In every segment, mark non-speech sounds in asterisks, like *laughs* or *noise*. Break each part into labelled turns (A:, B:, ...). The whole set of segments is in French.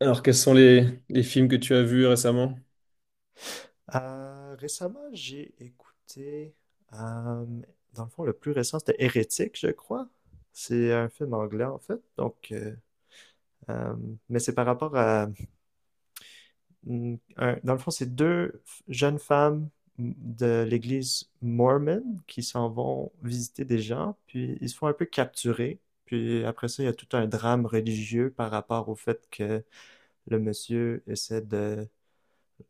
A: Alors, quels sont les films que tu as vus récemment?
B: Récemment, j'ai écouté, euh, dans le fond, le plus récent, c'était Hérétique, je crois. C'est un film anglais, en fait. Donc, euh, mais c'est par rapport à, mm, dans le fond, c'est jeunes femmes mm, de l'église mormon qui s'en vont visiter des gens, puis ils se font un peu capturer. Puis après ça, il y a tout un drame religieux par rapport au fait que le monsieur essaie de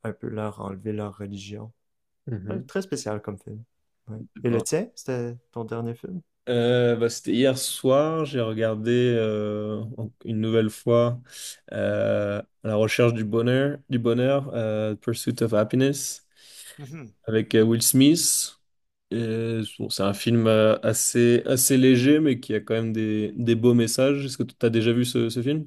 B: un peu leur enlever leur religion. Ouais,
A: Mhm.
B: très spécial comme film. Ouais. Et le
A: D'accord.
B: tien, c'était ton dernier film?
A: Bah, c'était hier soir, j'ai regardé une nouvelle fois La recherche du bonheur, Pursuit of Happiness,
B: Mhm.
A: avec Will Smith. Et bon, c'est un film assez léger, mais qui a quand même des beaux messages. Est-ce que tu as déjà vu ce film?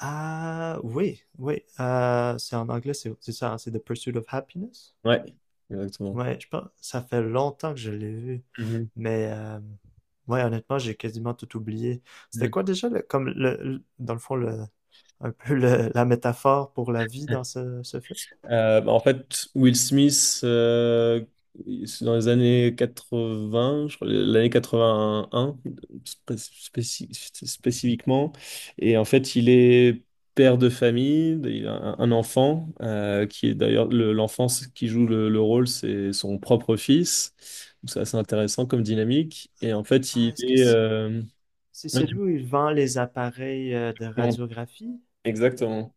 B: Ah, oui, oui. C'est en anglais, c'est ça, hein, c'est The Pursuit of Happiness.
A: Ouais, exactement.
B: Ouais, je pense, ça fait longtemps que je l'ai vu.
A: Mhm,
B: Mais, ouais, honnêtement, j'ai quasiment tout oublié. C'était
A: mhm.
B: quoi déjà, comme, dans le fond, le, un peu la métaphore pour la vie dans ce film?
A: En fait, Will Smith, c'est dans les années 80, je crois, l'année 81 spé- spéci- spécifiquement. Et en fait, il est père de famille, il a un enfant, qui est d'ailleurs l'enfant qui joue le rôle, c'est son propre fils. Donc c'est assez intéressant comme dynamique. Et en fait,
B: Ah, est-ce que c'est c'est
A: ouais,
B: celui où il vend les appareils de
A: non.
B: radiographie?
A: Exactement.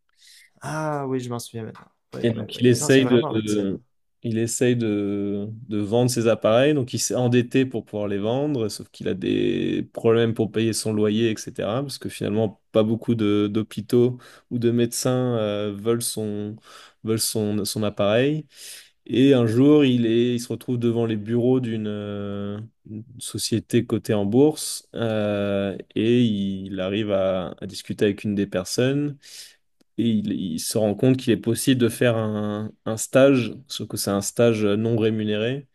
B: Ah, oui, je m'en souviens maintenant. Oui,
A: Et
B: oui,
A: donc,
B: oui. Non, c'est vraiment excellent.
A: il essaye de vendre ses appareils. Donc il s'est endetté pour pouvoir les vendre, sauf qu'il a des problèmes pour payer son loyer, etc. Parce que finalement, pas beaucoup d'hôpitaux ou de médecins veulent veulent son appareil. Et un jour, il se retrouve devant les bureaux d'une une société cotée en bourse et il arrive à discuter avec une des personnes et il se rend compte qu'il est possible de faire un stage, sauf que c'est un stage non rémunéré.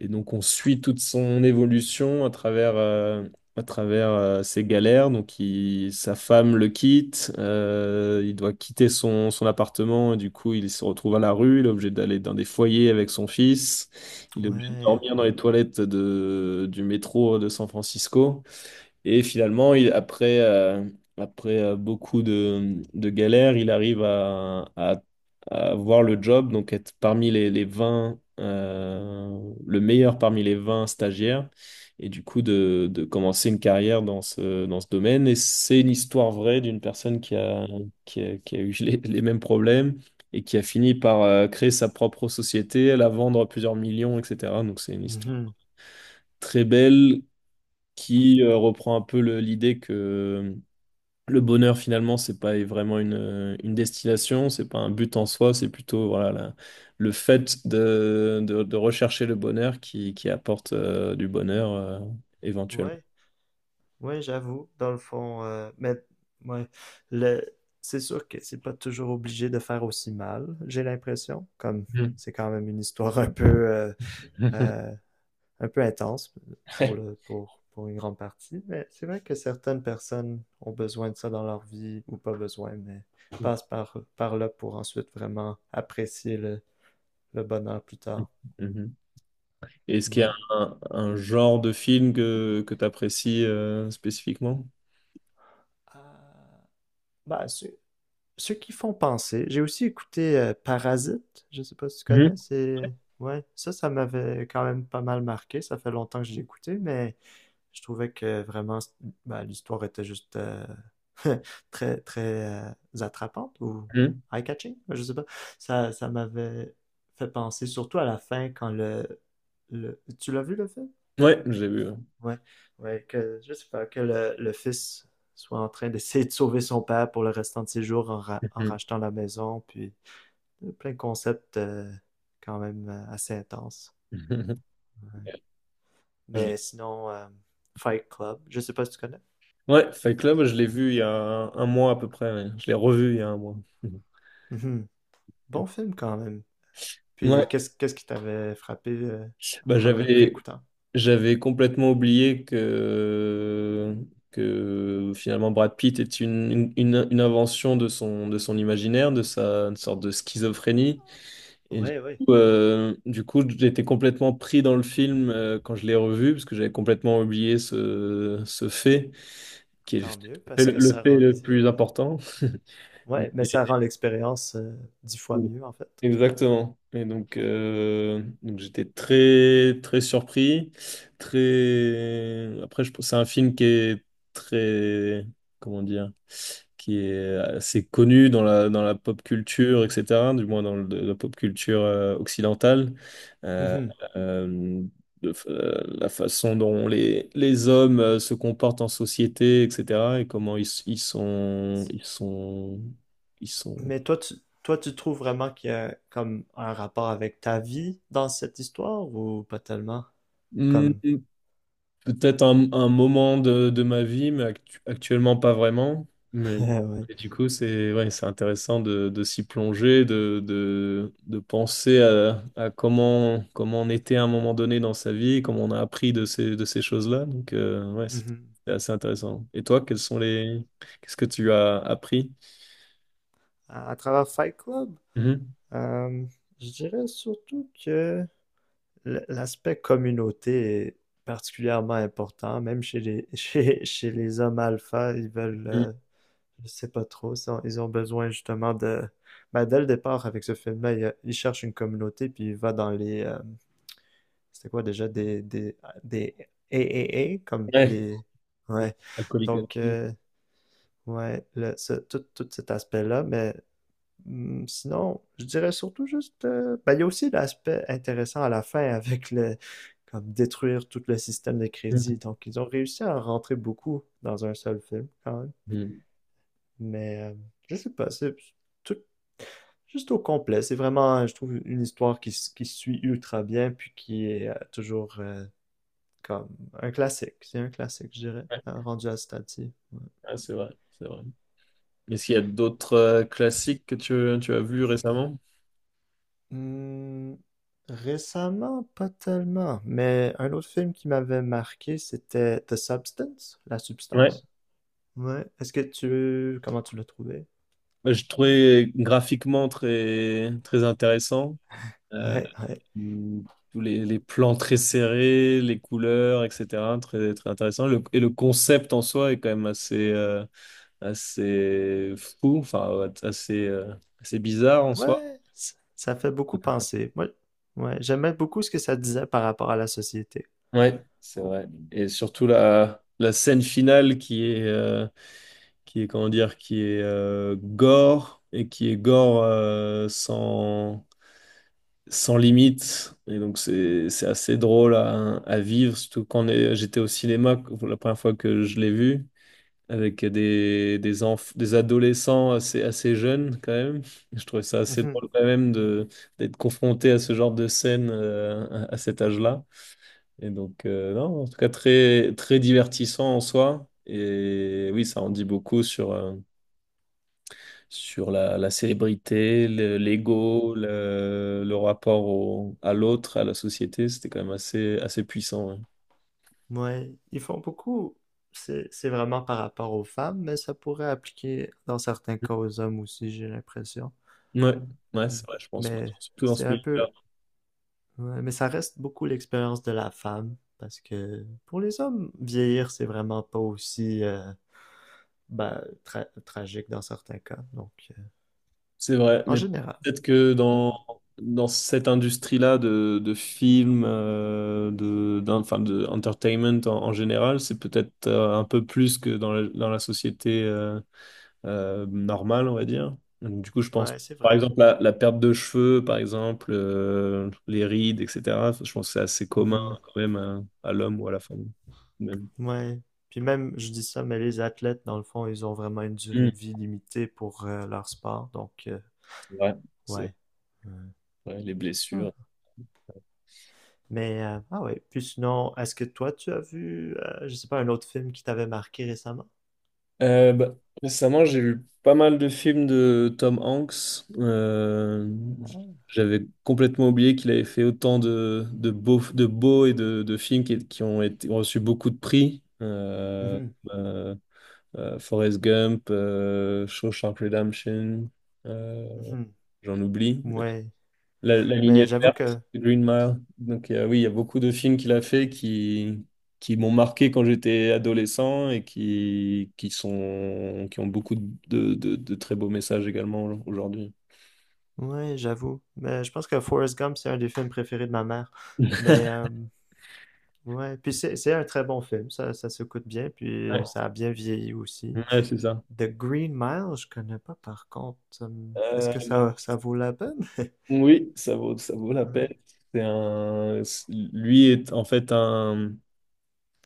A: Et donc on suit toute son évolution à travers ses galères. Donc sa femme le quitte, il doit quitter son appartement, et du coup il se retrouve à la rue, il est obligé d'aller dans des foyers avec son fils, il est obligé de
B: Ouais,
A: dormir dans
B: ouais.
A: les toilettes du métro de San Francisco. Et finalement, après beaucoup de galères, il arrive à avoir le job, donc être parmi les 20 le meilleur parmi les 20 stagiaires, et du coup de commencer une carrière dans dans ce domaine. Et c'est une histoire vraie d'une personne qui a eu les mêmes problèmes et qui a fini par créer sa propre société, la vendre à plusieurs millions, etc. Donc c'est une histoire
B: Mhm.
A: très belle qui reprend un peu l'idée que le bonheur finalement c'est pas vraiment une destination, c'est pas un but en soi, c'est plutôt voilà le fait de rechercher le bonheur qui apporte du bonheur éventuellement.
B: Ouais, ouais, j'avoue, dans le fond, mais ouais, le, c'est sûr que c'est pas toujours obligé de faire aussi mal, j'ai l'impression, comme
A: Ouais.
B: c'est quand même une histoire
A: *laughs*
B: euh, un peu intense pour pour une grande partie, mais c'est vrai que certaines personnes ont besoin de ça dans leur vie, ou pas besoin, mais passent par là pour ensuite vraiment apprécier le bonheur plus tard.
A: Mhm. Est-ce qu'il y a
B: Ouais.
A: un genre de film que tu apprécies spécifiquement?
B: Ah, bah, c'est ceux qui font penser. J'ai aussi écouté Parasite, je sais pas si tu
A: Mhm.
B: connais, c'est... Ouais, ça m'avait quand même pas mal marqué, ça fait longtemps que je l'ai écouté, mais je trouvais que vraiment, ben, l'histoire était juste *laughs* très, très attrapante ou
A: Mhm.
B: eye-catching, je sais pas. Ça m'avait fait penser surtout à la fin quand le... Tu l'as vu le film?
A: Ouais, j'ai vu.
B: Ouais, ouais, que je sais pas, que le fils soit en train d'essayer de sauver son père pour le restant de ses jours en
A: Mhm.
B: rachetant la maison, puis plein de concepts quand même assez intenses.
A: *laughs* Je…
B: Mais sinon, Fight Club, je sais pas si tu connais.
A: Ouais, Fight Club, je l'ai vu il y a un mois à peu près. Ouais. Je l'ai revu il y a un mois. *laughs*
B: Mhm. Bon film quand même. Puis
A: Ouais,
B: qu'est-ce qui t'avait frappé
A: bah
B: en le
A: j'avais
B: réécoutant?
A: j'avais complètement oublié que finalement Brad Pitt est une invention de son imaginaire, de sa une sorte de schizophrénie. Et du
B: Ouais, ouais,
A: du coup j'étais complètement pris dans le film quand je l'ai revu parce que j'avais complètement oublié ce fait qui est
B: tant mieux parce que
A: le
B: ça
A: fait
B: rend
A: le
B: les...
A: plus important.
B: Ouais, mais ça rend l'expérience 10 fois
A: *laughs*
B: mieux en fait.
A: Exactement. Et donc j'étais très surpris, très. Après, je pense c'est un film qui est très, comment dire, qui est assez connu dans la pop culture, etc. Du moins dans la pop culture occidentale. Euh,
B: Mhm.
A: euh, la façon dont les hommes se comportent en société, etc. Et comment ils sont…
B: Mais toi, tu trouves vraiment qu'il y a comme un rapport avec ta vie dans cette histoire ou pas tellement?
A: Hmm,
B: Comme,
A: peut-être un moment de ma vie, mais actuellement pas vraiment.
B: *laughs*
A: Mais
B: ouais.
A: et du coup, c'est ouais, c'est intéressant de s'y plonger, de penser à comment, comment on était à un moment donné dans sa vie, comment on a appris de de ces choses-là. Donc, ouais,
B: Mhm.
A: c'est assez intéressant. Et toi, quels sont les… qu'est-ce que tu as appris?
B: À travers Fight Club,
A: Mhm.
B: euh, je dirais surtout que l'aspect communauté est particulièrement important, même chez les, *laughs* chez les hommes alpha, ils veulent,
A: Mhm.
B: je sais pas trop, ils ont besoin justement de, ben, dès le départ avec ce film-là, ils cherchent une communauté puis il va dans les, c'était quoi déjà des triple a comme
A: Ouais.
B: les. Ouais.
A: Alcoolique
B: Donc,
A: Anonyme.
B: ouais, tout, tout cet aspect-là. Mais sinon, je dirais surtout juste. Ben, il y a aussi l'aspect intéressant à la fin avec le. Comme détruire tout le système de crédit.
A: Mhm.
B: Donc, ils ont réussi à en rentrer beaucoup dans un seul film, quand même.
A: Mhm.
B: Mais je sais pas, c'est tout, juste au complet. C'est vraiment, je trouve, une histoire qui, qui suit ultra bien, puis qui est toujours. Comme un classique. C'est un classique, je dirais.
A: Ouais,
B: Rendu à ce Ouais.
A: ouais, c'est vrai, c'est vrai. Est-ce qu'il y a d'autres classiques que tu as vus récemment?
B: Hmm, récemment, pas tellement. Mais un autre film qui m'avait marqué, c'était The Substance, La Substance. Ouais. Est-ce que tu... Comment tu l'as trouvé?
A: Je trouvais graphiquement très intéressant. Euh,
B: Ouais, ouais.
A: Tous les plans très serrés, les couleurs, etc. Très, très intéressant. Et le concept en soi est quand même assez fou, enfin, ouais, assez bizarre en soi.
B: Ouais, ça fait beaucoup penser. Moi, ouais, j'aimais beaucoup ce que ça disait par rapport à la société.
A: Ouais, c'est vrai. Et surtout la scène finale qui est, comment dire, qui est gore et qui est gore sans, sans limite. Et donc c'est assez drôle à vivre, surtout j'étais au cinéma pour la première fois que je l'ai vu, avec des adolescents assez jeunes quand même. Je trouvais ça assez
B: Mhm,
A: drôle quand même d'être confronté à ce genre de scène à cet âge-là. Et donc, non, en tout cas, très, très divertissant en soi. Et oui, ça en dit beaucoup sur, sur la célébrité,
B: mhm.
A: l'ego, le rapport à l'autre, à la société. C'était quand même assez, assez puissant.
B: Ouais, ils font beaucoup. C'est vraiment par rapport aux femmes, mais ça pourrait appliquer dans certains
A: Ouais,
B: cas aux hommes aussi, j'ai l'impression.
A: ouais, ouais,
B: Mm.
A: c'est vrai, je pense. Bah,
B: Mais
A: surtout dans ce
B: c'est un
A: milieu-là.
B: peu... ouais, mais ça reste beaucoup l'expérience de la femme, parce que pour les hommes, vieillir, c'est vraiment pas aussi... ben, tragique dans certains cas. Donc,
A: C'est vrai,
B: en
A: mais
B: général.
A: peut-être que dans cette industrie-là de films, enfin, de entertainment en général, c'est peut-être un peu plus que dans dans la société normale, on va dire. Donc du coup, je
B: Ouais,
A: pense,
B: c'est
A: par
B: vrai.
A: exemple, la perte de cheveux, par exemple, les rides, etc. Je pense que c'est assez commun
B: Mhm.
A: quand même à l'homme ou à la femme. Même.
B: Ouais. Puis même, je dis ça, mais les athlètes, dans le fond, ils ont vraiment une
A: Hmm,
B: durée de vie limitée pour leur sport. Donc,
A: c'est vrai, c'est
B: ouais. Ouais.
A: vrai, les blessures.
B: Ah. Mais, ah ouais. Puis sinon, est-ce que toi, tu as vu, je sais pas, un autre film qui t'avait marqué récemment?
A: Euh, bah, Récemment, j'ai vu pas mal de films de Tom Hanks.
B: Ah.
A: J'avais complètement oublié qu'il avait fait autant de beaux et de films qui ont été, ont reçu beaucoup de prix.
B: Mhm.
A: Euh, Forrest Gump, Shawshank Redemption, euh,
B: Mhm.
A: j'en oublie.
B: Ouais.
A: La
B: Mais
A: ligne
B: j'avoue
A: verte,
B: que,
A: Green Mile. Donc oui, il y a beaucoup de films qu'il a fait qui m'ont marqué quand j'étais adolescent et qui ont beaucoup de très beaux messages également aujourd'hui.
B: ouais, j'avoue. Mais je pense que Forrest Gump, c'est un des films préférés de ma mère.
A: *laughs*
B: Mais, ouais, puis c'est un très bon film, ça s'écoute bien, puis
A: Ouais,
B: ça a bien vieilli aussi.
A: ouais, c'est ça.
B: The Green Mile, je connais pas par contre. Est-ce
A: Euh,
B: que
A: bah,
B: ça vaut la peine? *laughs*
A: oui, ça vaut la peine.
B: Ouais.
A: Lui est en fait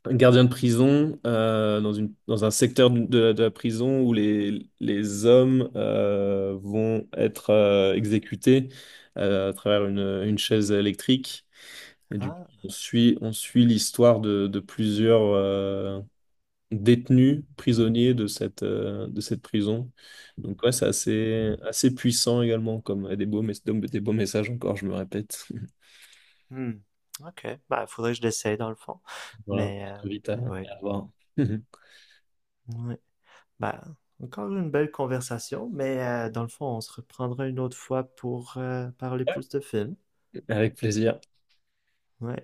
A: un gardien de prison dans un secteur de la prison où les hommes vont être exécutés à travers une chaise électrique. Et du coup,
B: Ah,
A: on suit l'histoire de plusieurs détenus, prisonniers de de cette prison. Donc ouais, c'est assez, assez puissant également, comme et des beaux, des beaux messages encore, je me répète. *laughs*
B: hmm. Ok, bah faudrait que je l'essaye dans le fond.
A: Voilà,
B: Mais,
A: je
B: euh,
A: t'invite
B: mais ouais,
A: à voir. *laughs*
B: ouais. Bah, encore une belle conversation, mais dans le fond, on se reprendra une autre fois pour parler plus de films.
A: Avec plaisir.
B: Ouais.